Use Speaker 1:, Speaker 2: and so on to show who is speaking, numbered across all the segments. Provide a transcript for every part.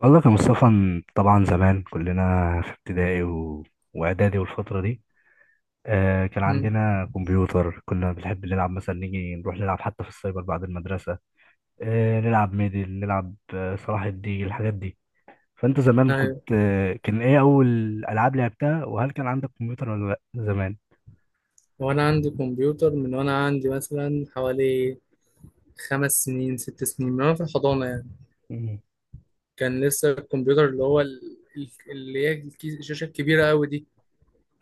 Speaker 1: والله كان مصطفى. طبعا زمان كلنا في ابتدائي واعدادي والفتره دي كان
Speaker 2: مم.
Speaker 1: عندنا كمبيوتر، كنا بنحب نلعب مثلا، نيجي نروح نلعب حتى في السايبر بعد المدرسه. نلعب ميدل، نلعب صلاح الدين، الحاجات دي. فانت زمان كنت
Speaker 2: أيوة،
Speaker 1: آه كان ايه اول العاب لعبتها؟ وهل كان عندك كمبيوتر ولا لا زمان؟
Speaker 2: وأنا عندي كمبيوتر من وأنا عندي مثلا حوالي 5 سنين 6 سنين من وأنا في الحضانة يعني.
Speaker 1: مم.
Speaker 2: كان لسه الكمبيوتر اللي هو اللي هي الشاشة الكبيرة أوي دي،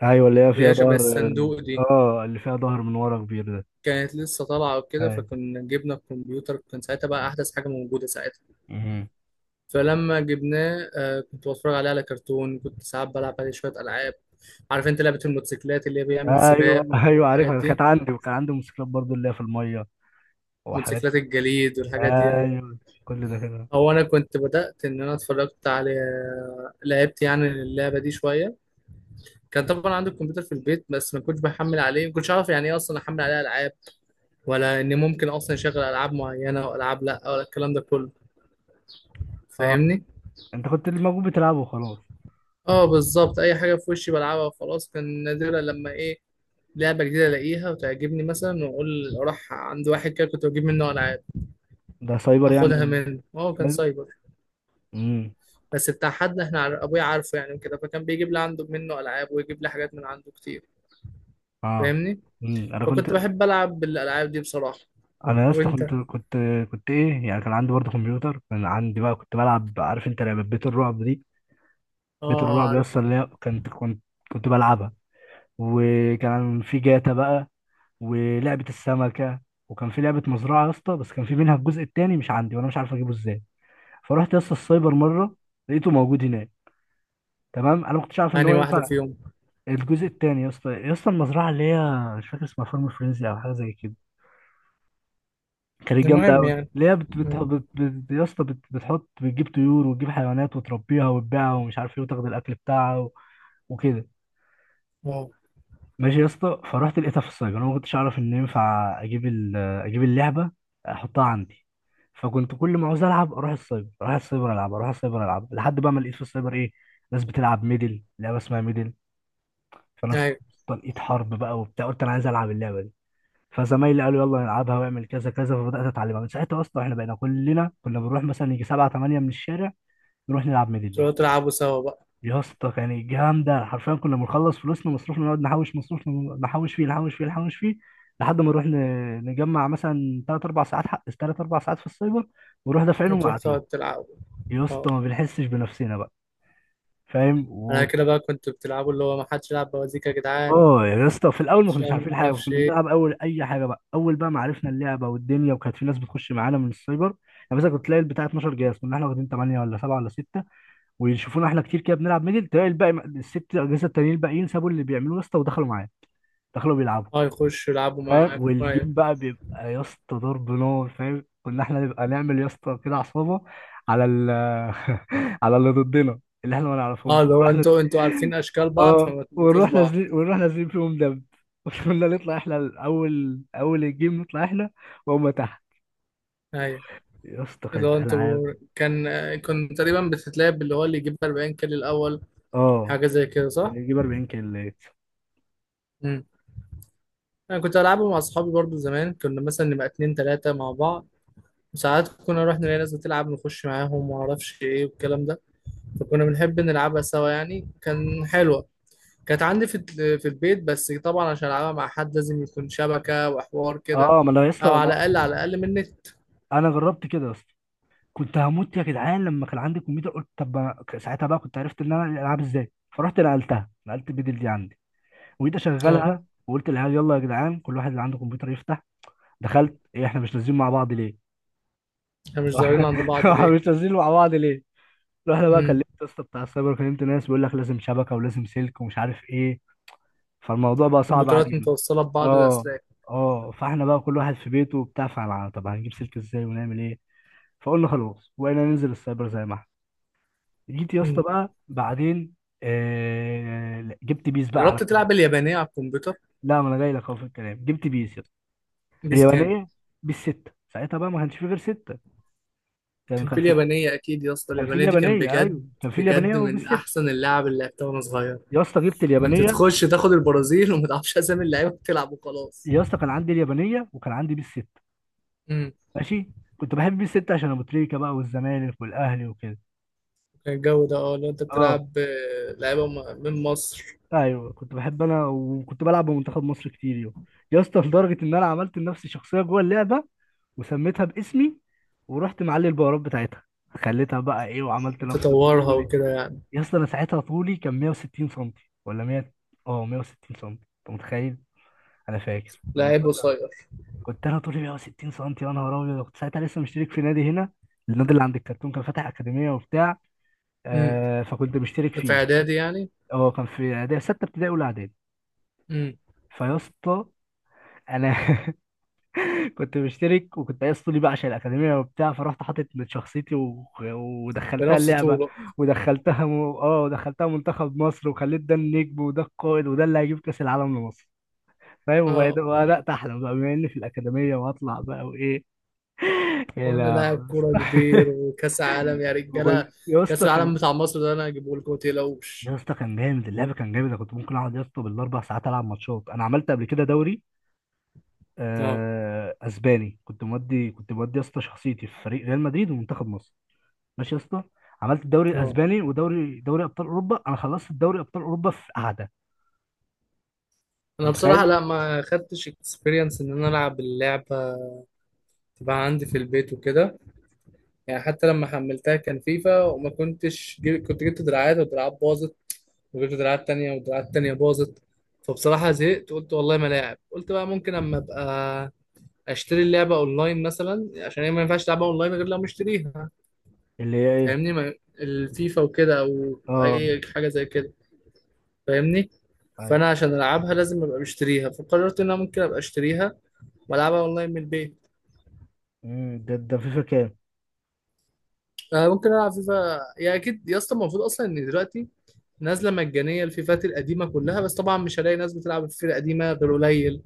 Speaker 1: ايوه، اللي هي
Speaker 2: اللي
Speaker 1: فيها
Speaker 2: هي شبه
Speaker 1: ظهر.
Speaker 2: الصندوق دي،
Speaker 1: اه، اللي فيها ظهر من ورا كبير ده.
Speaker 2: كانت لسه طالعة وكده.
Speaker 1: ايوه.
Speaker 2: فكنا جبنا الكمبيوتر، كان ساعتها بقى أحدث حاجة موجودة ساعتها.
Speaker 1: مم.
Speaker 2: فلما جبناه كنت بتفرج عليه على كرتون، كنت ساعات بلعب عليه شوية ألعاب. عارف أنت لعبة الموتوسيكلات اللي هي بيعمل
Speaker 1: ايوه،
Speaker 2: سباق
Speaker 1: ايوه
Speaker 2: والحاجات
Speaker 1: عارفها، كانت
Speaker 2: دي،
Speaker 1: عندي، وكان عندي موتوسيكلات برضو اللي هي في الميه وحاجات.
Speaker 2: موتوسيكلات الجليد والحاجات دي؟ أيوة.
Speaker 1: ايوه، كل ده كده.
Speaker 2: هو انا كنت بدات ان انا اتفرجت على، لعبت يعني اللعبه دي شويه. كان طبعا عندي الكمبيوتر في البيت بس ما كنتش بحمل عليه، ما كنتش اعرف يعني ايه اصلا احمل عليه العاب، ولا ان ممكن اصلا يشغل العاب معينه والعاب لا، ولا الكلام ده كله.
Speaker 1: اه،
Speaker 2: فاهمني؟
Speaker 1: انت كنت اللي موجود بتلعبه وخلاص.
Speaker 2: اه بالظبط، اي حاجه في وشي بلعبها وخلاص. كان نادرا لما ايه، لعبه جديده الاقيها وتعجبني مثلا واقول اروح عند واحد كده كنت بجيب منه العاب،
Speaker 1: ده سايبر
Speaker 2: اخدها
Speaker 1: يعني.
Speaker 2: منه. اه كان
Speaker 1: سايبر.
Speaker 2: سايبر،
Speaker 1: امم.
Speaker 2: بس بتاع حد احنا ابويا عارفه يعني كده، فكان بيجيب لي عنده منه العاب ويجيب لي حاجات من عنده كتير.
Speaker 1: اه.
Speaker 2: فاهمني؟
Speaker 1: امم، انا كنت.
Speaker 2: فكنت بحب العب بالالعاب دي بصراحه.
Speaker 1: انا يا اسطى
Speaker 2: وانت؟
Speaker 1: كنت
Speaker 2: اه.
Speaker 1: كنت كنت ايه يعني؟ كان عندي برضه كمبيوتر، كان عندي بقى كنت بلعب. عارف انت لعبه بيت الرعب دي؟ بيت
Speaker 2: آه،
Speaker 1: الرعب يا
Speaker 2: عارف.
Speaker 1: اسطى، اللي هي كنت كنت بلعبها. وكان في جاتا بقى، ولعبه السمكه. وكان في لعبه مزرعه يا اسطى، بس كان في منها الجزء الثاني مش عندي، وانا مش عارف اجيبه ازاي. فرحت يا اسطى السايبر مره، لقيته موجود هناك. تمام، انا ما كنتش عارف ان هو
Speaker 2: يعني واحده
Speaker 1: ينفع.
Speaker 2: فيهم؟
Speaker 1: الجزء التاني يا اسطى، يا اسطى المزرعه اللي هي مش فاكر اسمها، فارم فريزي او حاجه زي كده. كانت جامده
Speaker 2: المهم
Speaker 1: قوي،
Speaker 2: يعني.
Speaker 1: اللي هي بت بت
Speaker 2: مم.
Speaker 1: بت بت يا اسطى بتحط، بتجيب طيور وتجيب حيوانات وتربيها وتبيعها ومش عارف ايه، وتاخد الاكل بتاعها وكده.
Speaker 2: اه،
Speaker 1: ماشي يا اسطى، فرحت لقيتها في السايبر، انا ما كنتش اعرف ان ينفع اجيب اللعبه، احطها عندي. فكنت كل ما عاوز العب اروح السايبر، اروح السايبر العب، اروح السايبر العب، لحد بقى ما لقيت في السايبر ايه، ناس بتلعب ميدل، لعبه اسمها ميدل. فانا است-
Speaker 2: ايوه،
Speaker 1: لقيت حرب بقى وبتاع، قلت انا عايز العب اللعبه دي. فزمايلي قالوا يلا نلعبها، واعمل كذا كذا، فبدات اتعلمها من ساعتها. اصلا احنا بقينا كلنا كنا بنروح، مثلا يجي سبعة تمانية من الشارع نروح نلعب ميدلي.
Speaker 2: تروحوا تلعبوا سوا بقى
Speaker 1: يا اسطى كان جامده، حرفيا كنا بنخلص فلوسنا مصروفنا، نقعد نحوش مصروفنا، نحوش فيه نحوش فيه نحوش فيه، لحد ما نروح نجمع مثلا ثلاث اربع ساعات، حق ثلاث اربع ساعات في السايبر، ونروح دافعينهم
Speaker 2: وتروح
Speaker 1: وقاعدين.
Speaker 2: تقعد تلعبوا.
Speaker 1: يا اسطى
Speaker 2: اه،
Speaker 1: ما بنحسش بنفسنا بقى. فاهم؟
Speaker 2: على كده بقى كنتوا بتلعبوا اللي هو ما حدش يلعب بوازيك يا جدعان،
Speaker 1: اه يا اسطى، في الاول ما كناش
Speaker 2: عشان
Speaker 1: عارفين
Speaker 2: ما
Speaker 1: حاجه،
Speaker 2: اعرفش
Speaker 1: كنا
Speaker 2: ايه.
Speaker 1: بنلعب اول اي حاجه بقى، اول بقى ما عرفنا اللعبه والدنيا، وكانت في ناس بتخش معانا من السايبر. يعني مثلا كنت تلاقي البتاع 12 جهاز، كنا احنا واخدين 8 ولا 7 ولا 6، ويشوفونا احنا كتير كده بنلعب ميدل، تلاقي الباقي الست اجهزه التانيين الباقيين سابوا اللي بيعملوه يا اسطى ودخلوا معانا، دخلوا بيلعبوا.
Speaker 2: اه يخشوا يلعبوا
Speaker 1: فاهم؟
Speaker 2: معاك. أيوة.
Speaker 1: والجيم بقى بيبقى يا اسطى ضرب نار، فاهم، كنا احنا نبقى نعمل يا اسطى كده عصابه، على ال على اللي ضدنا، اللي احنا ما
Speaker 2: اه
Speaker 1: نعرفهمش،
Speaker 2: اللي هو انتوا عارفين اشكال بعض
Speaker 1: اه
Speaker 2: فما تموتوش
Speaker 1: ونروح
Speaker 2: بعض.
Speaker 1: نازلين، ونروح نازلين فيهم دب. وكنا نطلع احنا الاول، اول الجيم نطلع احنا وهم تحت.
Speaker 2: ايوه
Speaker 1: يا اسطى
Speaker 2: اللي
Speaker 1: كانت
Speaker 2: هو انتوا
Speaker 1: العاب.
Speaker 2: كان، كنت تقريبا بتتلعب اللي هو اللي يجيب 40 كيلو الاول،
Speaker 1: اه،
Speaker 2: حاجه زي كده صح؟
Speaker 1: اللي يجيب 40 كيلو.
Speaker 2: مم. انا كنت العبه مع اصحابي برضو زمان، كنا مثلا نبقى اتنين تلاتة مع بعض، وساعات كنا نروح نلاقي ناس بتلعب نخش معاهم وما اعرفش ايه والكلام ده. فكنا بنحب نلعبها سوا، يعني كان حلوة. كانت عندي في في البيت بس طبعا عشان العبها مع حد لازم يكون شبكة وحوار كده،
Speaker 1: اه ما انا يا
Speaker 2: او
Speaker 1: اسطى
Speaker 2: على
Speaker 1: ما-
Speaker 2: الاقل من النت.
Speaker 1: انا جربت كده يا اسطى. كنت هموت يا جدعان لما كان عندي كمبيوتر، قلت طب ما- ساعتها بقى كنت عرفت ان انا العب ازاي، فرحت نقلت البدل دي عندي، وجيت
Speaker 2: اه،
Speaker 1: اشغلها، وقلت للعيال يلا يا جدعان كل واحد اللي عنده كمبيوتر يفتح. دخلت ايه، احنا مش نازلين مع بعض ليه؟
Speaker 2: احنا مش ظاهرين عند بعض
Speaker 1: احنا
Speaker 2: ليه؟
Speaker 1: مش نازلين مع بعض ليه؟ رحنا بقى كلمت
Speaker 2: امم.
Speaker 1: يا اسطى بتاع السايبر، كلمت ناس، بيقول لك لازم شبكه، ولازم سلك، ومش عارف ايه. فالموضوع بقى صعب
Speaker 2: الكمبيوترات
Speaker 1: علينا.
Speaker 2: متوصلة ببعض
Speaker 1: اه،
Speaker 2: بأسلاك.
Speaker 1: اه. فاحنا بقى كل واحد في بيته وبتاع، فعلا طب هنجيب سلك ازاي ونعمل ايه؟ فقلنا خلاص، وبقينا ننزل السايبر زي ما احنا. جيت يا اسطى
Speaker 2: امم.
Speaker 1: بقى بعدين، لا، جبت بيس بقى على.
Speaker 2: جربت تلعب اليابانية على الكمبيوتر؟
Speaker 1: لا، ما انا جاي لك اهو في الكلام، جبت بيس يا اسطى،
Speaker 2: بيس.
Speaker 1: اليابانيه. بيس 6، ساعتها بقى ما كانش في غير 6. كان
Speaker 2: كان
Speaker 1: كان
Speaker 2: في
Speaker 1: في،
Speaker 2: اليابانية أكيد يا اسطى،
Speaker 1: كان في
Speaker 2: اليابانية دي كان
Speaker 1: اليابانيه،
Speaker 2: بجد
Speaker 1: ايوه كان في اليابانيه
Speaker 2: بجد
Speaker 1: وبيس
Speaker 2: من
Speaker 1: 6.
Speaker 2: أحسن اللعب اللي لعبتها وأنا صغير.
Speaker 1: يا اسطى جبت
Speaker 2: كنت
Speaker 1: اليابانيه.
Speaker 2: تخش تاخد البرازيل وما تعرفش أسامي اللعيبة بتلعب وخلاص.
Speaker 1: يا اسطى كان عندي اليابانيه وكان عندي بيس 6.
Speaker 2: امم.
Speaker 1: ماشي. كنت بحب بيس 6 عشان ابو تريكه بقى، والزمالك والاهلي وكده.
Speaker 2: كان الجو ده. اه لو أنت
Speaker 1: اه.
Speaker 2: بتلعب، لعيبة من مصر.
Speaker 1: ايوه، كنت بحب انا، وكنت بلعب بمنتخب مصر كتير يوم. يا اسطى لدرجه ان انا عملت لنفسي شخصيه جوه اللعبه، وسميتها باسمي. ورحت معلي البهارات بتاعتها، خليتها بقى ايه، وعملت نفس
Speaker 2: تطورها
Speaker 1: طولي.
Speaker 2: وكده يعني.
Speaker 1: يا اسطى انا ساعتها طولي كان 160 سم، ولا 100. اه، 160 سم، انت متخيل؟ انا فاكر لما
Speaker 2: لعيب
Speaker 1: كنت
Speaker 2: قصير.
Speaker 1: كنت انا طولي 160 سم، يا نهار ابيض. كنت ساعتها لسه مشترك في نادي هنا، النادي اللي عند الكرتون، كان فاتح اكاديميه وبتاع،
Speaker 2: امم.
Speaker 1: فكنت مشترك
Speaker 2: ده في
Speaker 1: فيه.
Speaker 2: إعدادي يعني.
Speaker 1: اه كان في سته ابتدائي، اولى اعدادي.
Speaker 2: امم.
Speaker 1: فيا اسطى، انا كنت مشترك، وكنت عايز طولي بقى عشان الاكاديميه وبتاع، فرحت حاطط من شخصيتي ودخلتها
Speaker 2: بنفس
Speaker 1: اللعبه.
Speaker 2: طوله.
Speaker 1: اه ودخلتها منتخب مصر، وخليت ده النجم، وده القائد، وده اللي هيجيب كاس العالم لمصر. فاهم؟
Speaker 2: اه.
Speaker 1: وبدات احلم بقى بما اني في الاكاديميه، وهطلع بقى وايه. يا
Speaker 2: وأنا
Speaker 1: لا.
Speaker 2: لاعب كورة كبير وكأس عالم يا رجالة.
Speaker 1: وكنت يا
Speaker 2: كأس
Speaker 1: اسطى كان
Speaker 2: العالم بتاع مصر ده أنا هجيبه لكم
Speaker 1: يا
Speaker 2: متقلقوش.
Speaker 1: اسطى كان جامد اللعبه، كان جامد. انا كنت ممكن اقعد يا اسطى بالاربع ساعات العب ماتشات. انا عملت قبل كده دوري
Speaker 2: اه.
Speaker 1: اسباني. كنت مودي يا اسطى شخصيتي في فريق ريال مدريد ومنتخب مصر. ماشي يا اسطى. عملت الدوري
Speaker 2: اه،
Speaker 1: الاسباني، ودوري ابطال اوروبا. انا خلصت الدوري ابطال اوروبا في قعده،
Speaker 2: انا
Speaker 1: انت
Speaker 2: بصراحه
Speaker 1: متخيل؟
Speaker 2: لا ما خدتش اكسبيرينس ان انا العب اللعبه، تبقى عندي في البيت وكده يعني. حتى لما حملتها كان فيفا وما كنتش كنت جبت دراعات ودراعات باظت، وجبت دراعات تانية ودراعات تانية باظت. فبصراحة زهقت، قلت والله ما لاعب. قلت بقى ممكن اما ابقى اشتري اللعبة اونلاين مثلا، عشان هي ما ينفعش تلعبها اونلاين غير لو مشتريها.
Speaker 1: اللي هي ايه؟
Speaker 2: فاهمني؟ ما... الفيفا وكده او
Speaker 1: اه،
Speaker 2: اي حاجة زي كده. فاهمني؟
Speaker 1: ايوه.
Speaker 2: فانا عشان العبها لازم ابقى مشتريها، فقررت ان انا ممكن ابقى اشتريها بلعبها اونلاين من البيت.
Speaker 1: امم. ده فيفا كام؟
Speaker 2: أه ممكن العب فيفا، يا اكيد يا اسطى. المفروض اصلا ان دلوقتي نازله مجانيه الفيفات القديمه كلها، بس طبعا مش هلاقي ناس بتلعب الفيفا القديمه غير قليل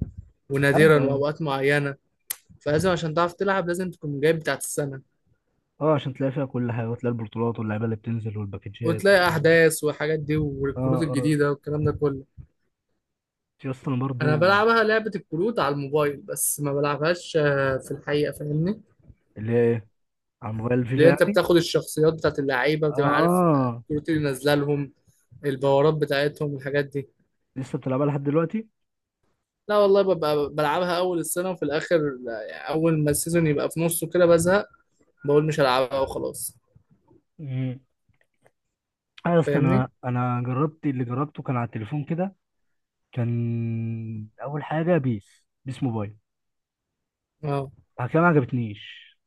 Speaker 1: ايوه،
Speaker 2: ونادرا
Speaker 1: ايوه.
Speaker 2: واوقات معينه. فلازم عشان تعرف تلعب لازم تكون جايب بتاعت السنه،
Speaker 1: اه عشان تلاقي فيها كل حاجه، وتلاقي البطولات، واللعيبه اللي بتنزل، والباكجات.
Speaker 2: وتلاقي احداث والحاجات دي
Speaker 1: اه،
Speaker 2: والكروت
Speaker 1: اه.
Speaker 2: الجديده والكلام ده كله.
Speaker 1: في اصلا
Speaker 2: انا
Speaker 1: برضو.
Speaker 2: بلعبها لعبه الكروت على الموبايل بس ما بلعبهاش في الحقيقه. فاهمني؟
Speaker 1: اللي هي ايه، على موبايل فيفا
Speaker 2: لان انت
Speaker 1: يعني.
Speaker 2: بتاخد الشخصيات بتاعت اللعيبه، بتبقى عارف
Speaker 1: اه،
Speaker 2: الكروت اللي نازله لهم، الباورات بتاعتهم والحاجات دي.
Speaker 1: لسه بتلعبها لحد دلوقتي؟
Speaker 2: لا والله، ببقى بلعبها اول السنه وفي الاخر. لا، يعني اول ما السيزون يبقى في نصه كده بزهق، بقول مش هلعبها وخلاص.
Speaker 1: امم. اه يا اسطى، انا
Speaker 2: فاهمني؟
Speaker 1: انا جربت اللي جربته كان على التليفون كده. كان اول حاجه بيس موبايل.
Speaker 2: اه
Speaker 1: بعد كده ما عجبتنيش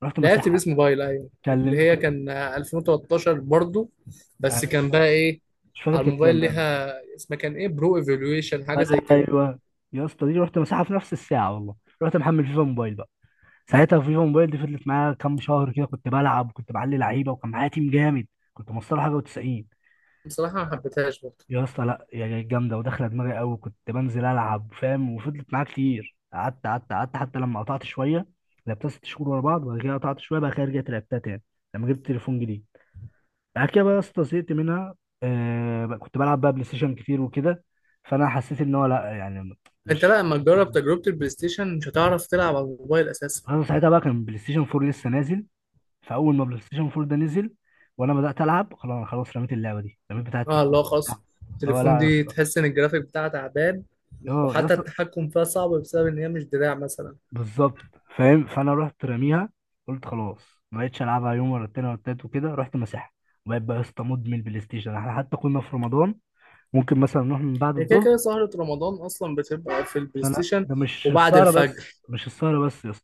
Speaker 1: رحت
Speaker 2: لعبت
Speaker 1: مساحة.
Speaker 2: بيس موبايل، ايوه
Speaker 1: كلم
Speaker 2: اللي هي
Speaker 1: ك-
Speaker 2: كان 2013 برضو.
Speaker 1: أنا
Speaker 2: بس
Speaker 1: مش
Speaker 2: كان
Speaker 1: فاكر.
Speaker 2: بقى ايه،
Speaker 1: مش فاكر
Speaker 2: على
Speaker 1: كانت
Speaker 2: الموبايل
Speaker 1: كام بأمان.
Speaker 2: ليها اسمها كان ايه، برو ايفولويشن حاجه زي كده.
Speaker 1: ايوه، يا اسطى دي رحت مساحة في نفس الساعة والله. رحت محمل فيفا موبايل بقى. ساعتها فيفا موبايل دي فضلت معايا كام شهر كده، كنت بلعب وكنت بعلي لعيبة، وكان معايا تيم جامد. كنت مصطلح حاجة و90.
Speaker 2: بصراحه ما حبيتهاش برضو.
Speaker 1: يا اسطى لا، يا جامدة وداخلة دماغي قوي، كنت بنزل ألعب فاهم. وفضلت معايا كتير، قعدت قعدت قعدت، حتى لما قطعت شوية. لعبتها ست شهور ورا بعض، وبعد كده قطعت شوية بقى كده، رجعت لعبتها تاني لما جبت تليفون جديد. بعد كده بقى يا اسطى زهقت منها. كنت بلعب بقى بلاي ستيشن كتير وكده. فانا حسيت ان هو لا يعني،
Speaker 2: انت
Speaker 1: مش.
Speaker 2: لا، لما تجرب تجربه البلاي ستيشن مش هتعرف تلعب على الموبايل اساسا.
Speaker 1: انا ساعتها بقى كان بلاي ستيشن 4 لسه نازل. فاول ما بلاي ستيشن 4 ده نزل وانا بدات العب، خلاص خلاص، رميت اللعبه دي، رميت بتاعه
Speaker 2: اه
Speaker 1: التليفون.
Speaker 2: لا خلاص.
Speaker 1: هو
Speaker 2: التليفون
Speaker 1: لا يا
Speaker 2: دي
Speaker 1: اسطى.
Speaker 2: تحس ان الجرافيك بتاعها تعبان،
Speaker 1: اه يا
Speaker 2: وحتى
Speaker 1: اسطى.
Speaker 2: التحكم فيها صعب بسبب ان هي مش دراع مثلا.
Speaker 1: بالظبط. فاهم؟ فانا رحت راميها، قلت خلاص، ما بقتش العبها يوم ولا التاني ولا التالت وكده، رحت مسحها. وبقيت بقى يا اسطى مدمن بلاي ستيشن. احنا حتى كنا في رمضان ممكن مثلا نروح من بعد
Speaker 2: هي كده
Speaker 1: الظهر.
Speaker 2: كده سهرة رمضان أصلا بتبقى في البلاي
Speaker 1: انا
Speaker 2: ستيشن.
Speaker 1: ده مش
Speaker 2: وبعد
Speaker 1: السهره بس،
Speaker 2: الفجر.
Speaker 1: مش السهره بس يا اسطى.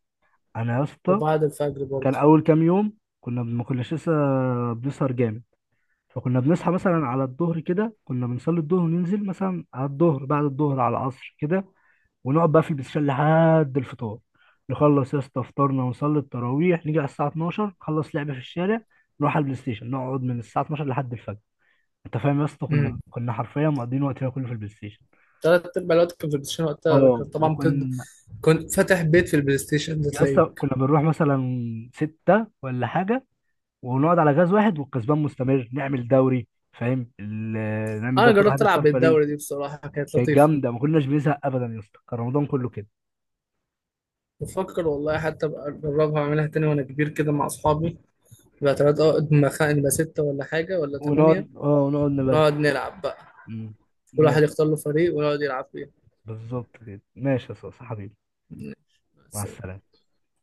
Speaker 1: انا يا اسطى
Speaker 2: وبعد الفجر
Speaker 1: كان
Speaker 2: برضه.
Speaker 1: اول كام يوم كنا ما كناش لسه بنسهر جامد، فكنا بنصحى مثلا على الظهر كده، كنا بنصلي الظهر وننزل مثلا على الظهر، بعد الظهر على العصر كده، ونقعد بقى في البلاي ستيشن لحد الفطار. نخلص يا اسطى فطارنا، ونصلي التراويح، نيجي على الساعه 12 نخلص لعبه في الشارع، نروح على البلاي ستيشن، نقعد من الساعه 12 لحد الفجر. انت فاهم يا اسطى؟ كنا
Speaker 2: امم.
Speaker 1: كنا حرفيا مقضيين وقتنا كله في البلاي ستيشن.
Speaker 2: تلات أرباع الوقت كان في البلاي ستيشن. وقتها كان
Speaker 1: اه،
Speaker 2: طبعا
Speaker 1: وكنا
Speaker 2: كنت فاتح بيت في البلاي ستيشن ده
Speaker 1: يا اسطى
Speaker 2: تلاقيك.
Speaker 1: كنا بنروح مثلا ستة ولا حاجة، ونقعد على غاز واحد، والكسبان مستمر، نعمل دوري، فاهم، نعمل ده
Speaker 2: أنا
Speaker 1: كل واحد
Speaker 2: جربت ألعب
Speaker 1: يختار فريق.
Speaker 2: بالدورة دي بصراحة كانت
Speaker 1: كانت
Speaker 2: لطيفة.
Speaker 1: جامدة، ما كناش بنزهق أبدا يا اسطى، كان رمضان كله كده.
Speaker 2: بفكر والله حتى أبقى أجربها أعملها تاني وأنا كبير كده مع أصحابي. يبقى تلات، أه نبقى نبقى ستة ولا حاجة ولا تمانية،
Speaker 1: ونقعد نبدل.
Speaker 2: ونقعد نلعب بقى.
Speaker 1: مم.
Speaker 2: كل واحد
Speaker 1: ماشي.
Speaker 2: يختار له فريق ونقعد يلعب فيه.
Speaker 1: بالظبط كده، ماشي يا اسطى حبيبي، مع السلامة.